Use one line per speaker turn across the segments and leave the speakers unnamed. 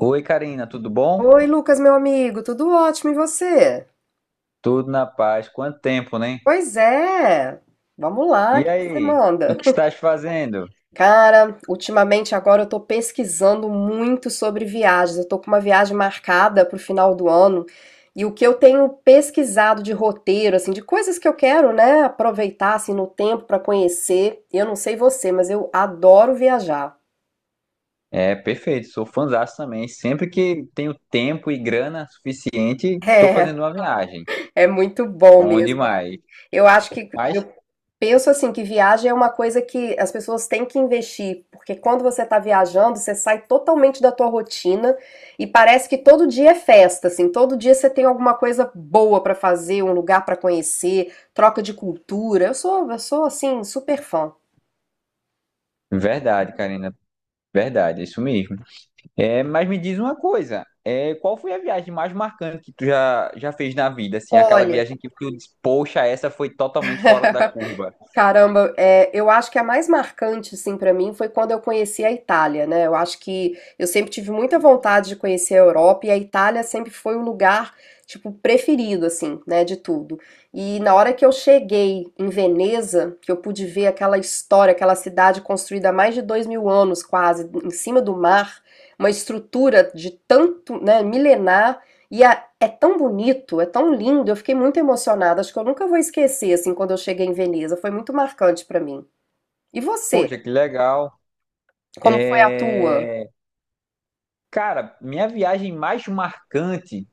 Oi, Karina, tudo bom?
Oi, Lucas, meu amigo, tudo ótimo, e você?
Tudo na paz. Quanto tempo, né?
Pois é, vamos lá, o
E
que que você
aí, o
manda?
que estás fazendo?
Cara, ultimamente agora eu tô pesquisando muito sobre viagens. Eu tô com uma viagem marcada pro final do ano e o que eu tenho pesquisado de roteiro, assim, de coisas que eu quero, né, aproveitar assim no tempo pra conhecer. Eu não sei você, mas eu adoro viajar.
É, perfeito, sou fãzaço também. Sempre que tenho tempo e grana suficiente, estou
É,
fazendo uma viagem.
é muito bom
Bom
mesmo.
demais.
Eu acho que
Mas,
eu Penso assim que viagem é uma coisa que as pessoas têm que investir, porque quando você está viajando, você sai totalmente da tua rotina e parece que todo dia é festa, assim, todo dia você tem alguma coisa boa para fazer, um lugar para conhecer, troca de cultura. Eu sou assim super fã.
verdade, Karina, verdade, é isso mesmo. Mas me diz uma coisa, qual foi a viagem mais marcante que tu já fez na vida? Assim, aquela
Olha,
viagem que tu disse, poxa, essa foi totalmente fora da curva.
Caramba, eu acho que a mais marcante, assim, pra mim foi quando eu conheci a Itália, né? Eu acho que eu sempre tive muita vontade de conhecer a Europa e a Itália sempre foi o lugar, tipo, preferido, assim, né, de tudo. E na hora que eu cheguei em Veneza, que eu pude ver aquela história, aquela cidade construída há mais de 2.000 anos, quase, em cima do mar, uma estrutura de tanto, né, milenar. E é tão bonito, é tão lindo, eu fiquei muito emocionada, acho que eu nunca vou esquecer, assim, quando eu cheguei em Veneza, foi muito marcante pra mim. E você,
Poxa, que legal.
como foi a tua?
É... Cara minha viagem mais marcante,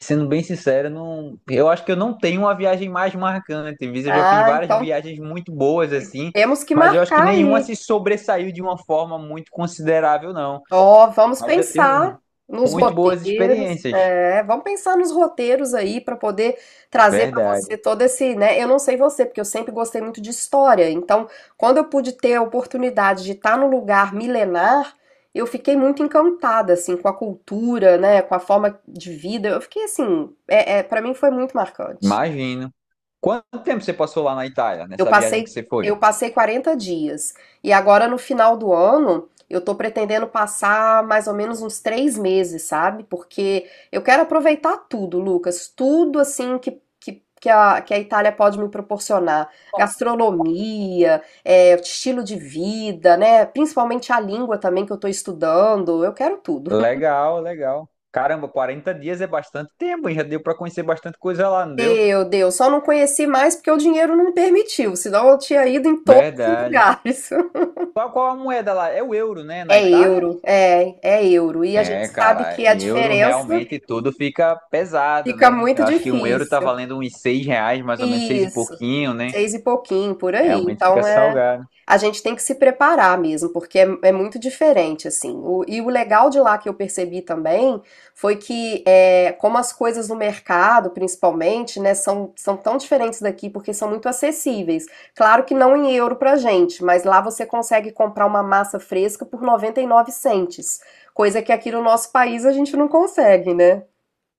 sendo bem sincero, não, eu acho que eu não tenho uma viagem mais marcante. Viz, eu já fiz
Ah,
várias
então
viagens muito boas assim,
temos que
mas eu acho que
marcar
nenhuma
aí.
se sobressaiu de uma forma muito considerável, não.
Ó,
Mas já tenho um- muito boas experiências.
vamos pensar nos roteiros aí para poder trazer para você
Verdade.
todo esse, né? Eu não sei você, porque eu sempre gostei muito de história. Então, quando eu pude ter a oportunidade de estar num lugar milenar, eu fiquei muito encantada assim com a cultura, né? Com a forma de vida. Eu fiquei assim, para mim foi muito marcante.
Imagino. Quanto tempo você passou lá na Itália,
Eu
nessa viagem que
passei
você foi?
eu passei 40 dias. E agora no final do ano, eu tô pretendendo passar mais ou menos uns 3 meses, sabe? Porque eu quero aproveitar tudo, Lucas, tudo assim que a Itália pode me proporcionar. Gastronomia, estilo de vida, né? Principalmente a língua também que eu tô estudando. Eu quero tudo.
Legal, legal. Caramba, 40 dias é bastante tempo, hein? Já deu pra conhecer bastante coisa lá, não deu?
Meu Deus, só não conheci mais porque o dinheiro não permitiu, senão eu tinha ido em todos os
Verdade.
lugares.
Qual a moeda lá? É o euro, né? Na
É
Itália?
euro, é euro. E a gente
É,
sabe
cara,
que a
euro
diferença
realmente tudo fica pesado,
fica
né? Eu
muito
acho que 1 euro tá
difícil.
valendo uns 6 reais, mais ou menos, seis e
Isso,
pouquinho, né?
seis e pouquinho, por aí.
Realmente fica
Então é,
salgado.
a gente tem que se preparar mesmo, porque é muito diferente, assim. E o legal de lá que eu percebi também foi que, como as coisas no mercado, principalmente, né, são tão diferentes daqui, porque são muito acessíveis. Claro que não em euro pra gente, mas lá você consegue comprar uma massa fresca por 99 centes, coisa que aqui no nosso país a gente não consegue, né?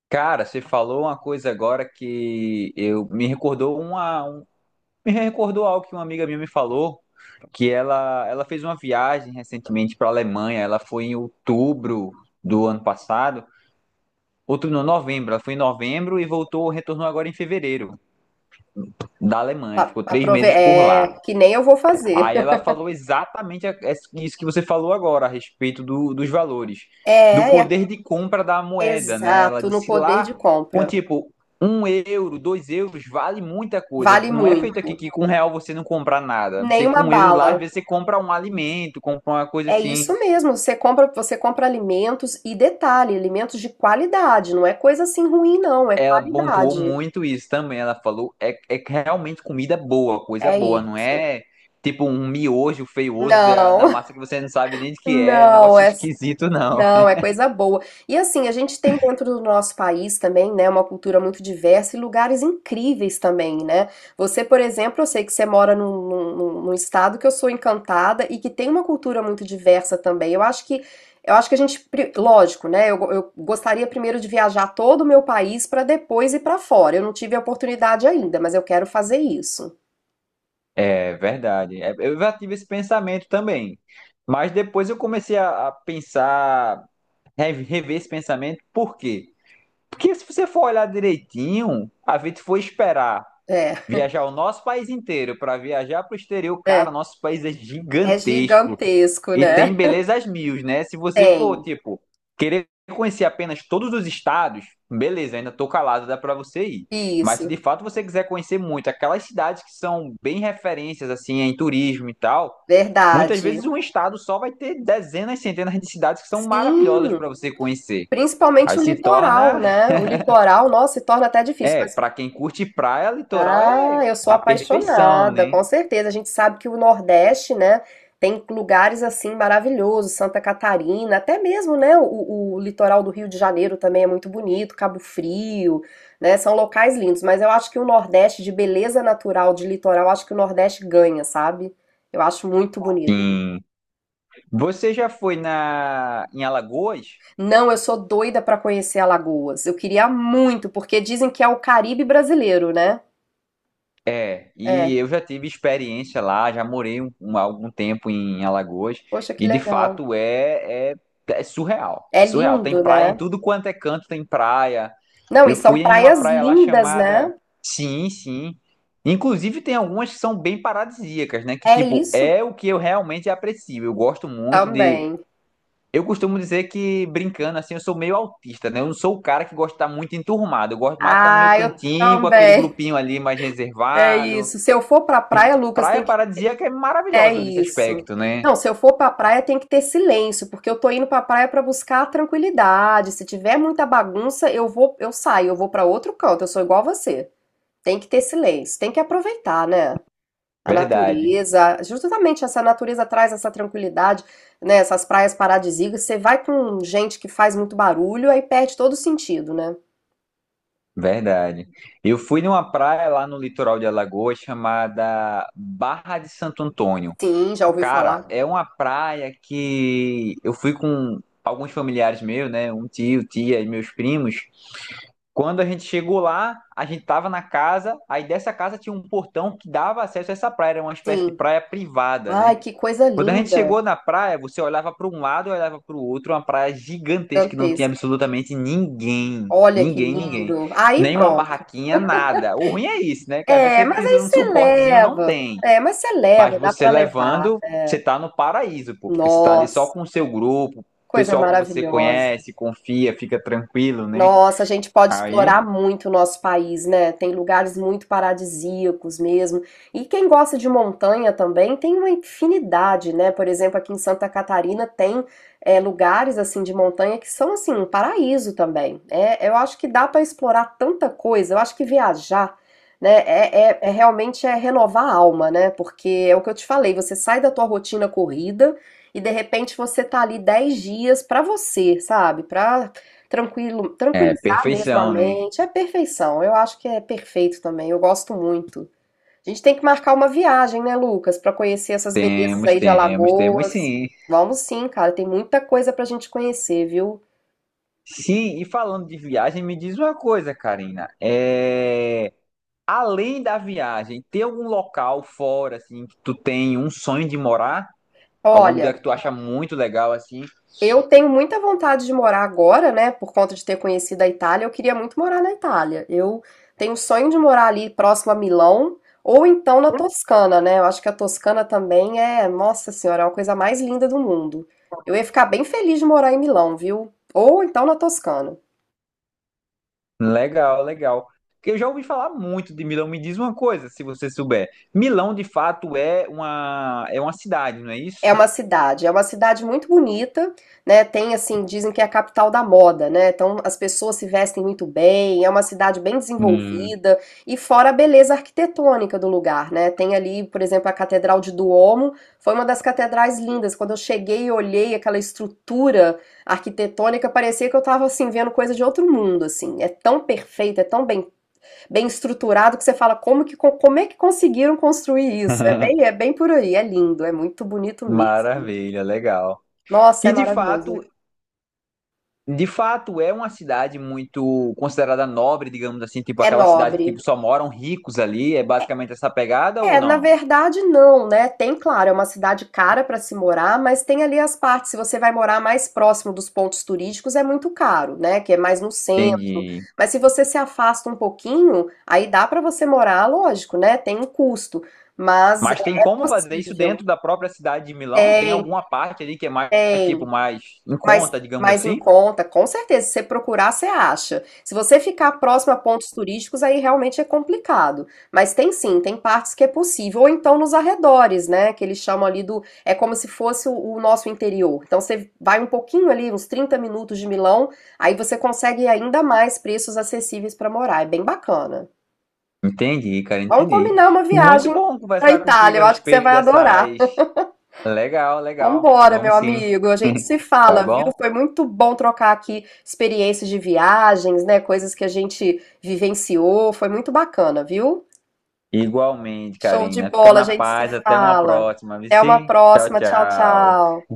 Cara, você falou uma coisa agora que eu me recordou algo que uma amiga minha me falou, que ela fez uma viagem recentemente para a Alemanha. Ela foi em outubro do ano passado, outubro não, novembro. Ela foi em novembro e voltou, retornou agora em fevereiro. Da Alemanha, ficou três
Aprove
meses por lá.
é, que nem eu vou fazer.
Aí ela falou exatamente isso que você falou agora, a respeito dos valores, do
É,
poder de compra da moeda, né? Ela
exato, no
disse
poder
lá,
de
com
compra.
tipo, 1 euro, 2 euros, vale muita coisa.
Vale
Não é feito aqui
muito.
que com 1 real você não compra nada. Você
Nem uma
com 1 euro lá, às
bala.
vezes você compra um alimento, compra uma coisa
É
assim.
isso mesmo. Você compra alimentos e detalhe, alimentos de qualidade. Não é coisa assim ruim, não. É
Ela pontuou
qualidade.
muito isso também. Ela falou, é que realmente comida é boa, coisa
É
boa, não
isso.
é tipo um miojo feioso da
Não,
massa que você não sabe nem de que é um
não.
negócio esquisito, não.
Não, é coisa boa. E assim, a gente tem dentro do nosso país também, né, uma cultura muito diversa e lugares incríveis também, né? Você, por exemplo, eu sei que você mora num estado que eu sou encantada e que tem uma cultura muito diversa também. Eu acho que a gente, lógico, né? Eu gostaria primeiro de viajar todo o meu país para depois ir para fora. Eu não tive a oportunidade ainda, mas eu quero fazer isso.
É verdade. É, eu já tive esse pensamento também. Mas depois eu comecei a pensar, rever esse pensamento, por quê? Porque se você for olhar direitinho, a gente foi esperar
É,
viajar o nosso país inteiro para viajar para o exterior, cara,
é,
nosso país é
é
gigantesco.
gigantesco,
E tem
né?
belezas mil, né? Se você for,
Tem.
tipo, querer conhecer apenas todos os estados, beleza, ainda tô calado, dá pra você ir. Mas se de
Isso,
fato você quiser conhecer muito aquelas cidades que são bem referências, assim, em turismo e tal, muitas vezes
verdade.
um estado só vai ter dezenas, centenas de cidades que são maravilhosas
Sim.
pra você conhecer. Aí
Principalmente o
se
litoral,
torna,
né? O litoral, nossa, se torna até difícil. Mas,
pra quem curte praia, litoral
ah,
é
eu sou
a perfeição,
apaixonada,
né?
com certeza. A gente sabe que o Nordeste, né, tem lugares assim maravilhosos, Santa Catarina, até mesmo, né, o litoral do Rio de Janeiro também é muito bonito, Cabo Frio, né? São locais lindos. Mas eu acho que o Nordeste, de beleza natural, de litoral, acho que o Nordeste ganha, sabe? Eu acho muito bonito.
Sim. Você já foi na em Alagoas?
Não, eu sou doida pra conhecer Alagoas. Eu queria muito, porque dizem que é o Caribe brasileiro, né?
É, e
É,
eu já tive experiência lá, já morei algum tempo em Alagoas,
poxa, que
e de
legal.
fato é surreal. É
É
surreal. Tem
lindo,
praia em
né?
tudo quanto é canto, tem praia.
Não, e
Eu
são
fui em uma
praias
praia lá
lindas,
chamada.
né?
Sim, sim. Inclusive tem algumas que são bem paradisíacas, né? Que
É
tipo,
isso
é o que eu realmente aprecio. Eu gosto muito de.
também.
Eu costumo dizer que, brincando assim, eu sou meio autista, né? Eu não sou o cara que gosta de estar muito enturmado. Eu gosto mais de estar no meu
Ah, eu
cantinho, com aquele
também.
grupinho ali mais
É
reservado.
isso. Se eu for pra praia, Lucas,
Praia
tem que.
paradisíaca é
É
maravilhosa nesse
isso.
aspecto, né?
Não, se eu for pra praia, tem que ter silêncio, porque eu tô indo pra praia pra buscar a tranquilidade. Se tiver muita bagunça, eu saio, eu vou pra outro canto. Eu sou igual você. Tem que ter silêncio, tem que aproveitar, né? A
Verdade,
natureza, justamente essa natureza traz essa tranquilidade, né? Essas praias paradisíacas. Você vai com gente que faz muito barulho, aí perde todo o sentido, né?
verdade. Eu fui numa praia lá no litoral de Alagoas chamada Barra de Santo Antônio.
Sim, já ouvi
Cara,
falar.
é uma praia que eu fui com alguns familiares meus, né? Um tio, tia e meus primos. Quando a gente chegou lá, a gente tava na casa, aí dessa casa tinha um portão que dava acesso a essa praia, era uma espécie de
Sim.
praia privada, né?
Ai, que coisa
Quando a gente
linda,
chegou na praia, você olhava para um lado e olhava para o outro, uma praia gigantesca que não tinha
gigantesca.
absolutamente ninguém.
Olha que
Ninguém, ninguém.
lindo. Aí
Nenhuma
pronto.
barraquinha, nada. O ruim é isso, né? Que às vezes
É,
você
mas
precisa
aí
de um
você
suportezinho, não
leva.
tem.
É, mas você
Mas
leva, dá
você
pra levar.
levando,
É.
você tá no paraíso, pô, porque você tá ali só
Nossa,
com o seu grupo, o
coisa
pessoal que você
maravilhosa.
conhece, confia, fica tranquilo, né?
Nossa, a gente pode
Aí
explorar muito o nosso país, né? Tem lugares muito paradisíacos mesmo. E quem gosta de montanha também tem uma infinidade, né? Por exemplo, aqui em Santa Catarina tem lugares assim de montanha que são assim um paraíso também. É, eu acho que dá para explorar tanta coisa. Eu acho que viajar, né? É, realmente é renovar a alma, né? Porque é o que eu te falei. Você sai da tua rotina corrida. E de repente você tá ali 10 dias para você, sabe? Para
é
tranquilizar mesmo a
perfeição, né?
mente, é perfeição. Eu acho que é perfeito também, eu gosto muito. A gente tem que marcar uma viagem, né, Lucas, para conhecer essas belezas
Temos,
aí de
temos, temos
Alagoas.
sim.
Vamos sim, cara, tem muita coisa pra gente conhecer, viu?
Sim, e falando de viagem, me diz uma coisa, Karina. É. Além da viagem, tem algum local fora, assim, que tu tem um sonho de morar? Algum lugar
Olha,
que tu acha muito legal, assim?
eu tenho muita vontade de morar agora, né, por conta de ter conhecido a Itália, eu queria muito morar na Itália. Eu tenho o sonho de morar ali próximo a Milão ou então na Toscana, né? Eu acho que a Toscana também é, nossa senhora, é uma coisa mais linda do mundo. Eu ia ficar bem feliz de morar em Milão, viu? Ou então na Toscana.
Legal, legal. Porque eu já ouvi falar muito de Milão. Me diz uma coisa, se você souber. Milão, de fato, é uma cidade, não é
É
isso?
uma cidade, é uma cidade muito bonita, né? Tem assim, dizem que é a capital da moda, né? Então as pessoas se vestem muito bem, é uma cidade bem
Hum.
desenvolvida e fora a beleza arquitetônica do lugar, né? Tem ali, por exemplo, a Catedral de Duomo, foi uma das catedrais lindas. Quando eu cheguei e olhei aquela estrutura arquitetônica, parecia que eu estava assim vendo coisa de outro mundo, assim. É tão perfeita, é tão bem estruturado que você fala como é que conseguiram construir isso? É bem, é bem por aí, é lindo, é muito bonito mesmo.
Maravilha, legal.
Nossa, é
E
maravilhoso.
de fato é uma cidade muito considerada nobre, digamos assim, tipo
É
aquela cidade que
nobre.
tipo, só moram ricos ali, é basicamente essa pegada ou
É, na
não?
verdade não, né? Tem, claro, é uma cidade cara para se morar, mas tem ali as partes. Se você vai morar mais próximo dos pontos turísticos, é muito caro, né? Que é mais no centro.
Entendi.
Mas se você se afasta um pouquinho, aí dá para você morar, lógico, né? Tem um custo, mas é
Mas tem
é
como fazer isso
possível.
dentro da própria cidade de Milão? Tem alguma
Tem,
parte ali que é mais, tipo,
tem.
mais em
Mas,
conta, digamos
mas em
assim?
conta, com certeza, se você procurar, você acha. Se você ficar próximo a pontos turísticos, aí realmente é complicado. Mas tem sim, tem partes que é possível. Ou então nos arredores, né? Que eles chamam ali do. É como se fosse o nosso interior. Então você vai um pouquinho ali, uns 30 minutos de Milão, aí você consegue ainda mais preços acessíveis para morar. É bem bacana.
Entendi, cara,
Vamos
entendi.
combinar uma
Muito
viagem
bom
para
conversar
Itália,
contigo a
eu acho que você
respeito
vai adorar.
dessas. Legal, legal.
Vambora, meu
Vamos sim,
amigo. A gente se
tá
fala, viu?
bom?
Foi muito bom trocar aqui experiências de viagens, né? Coisas que a gente vivenciou. Foi muito bacana, viu?
Igualmente,
Show de
Karina. Fica
bola, a
na
gente se
paz, até uma
fala.
próxima,
Até uma
Vici. Tchau,
próxima. Tchau,
tchau.
tchau.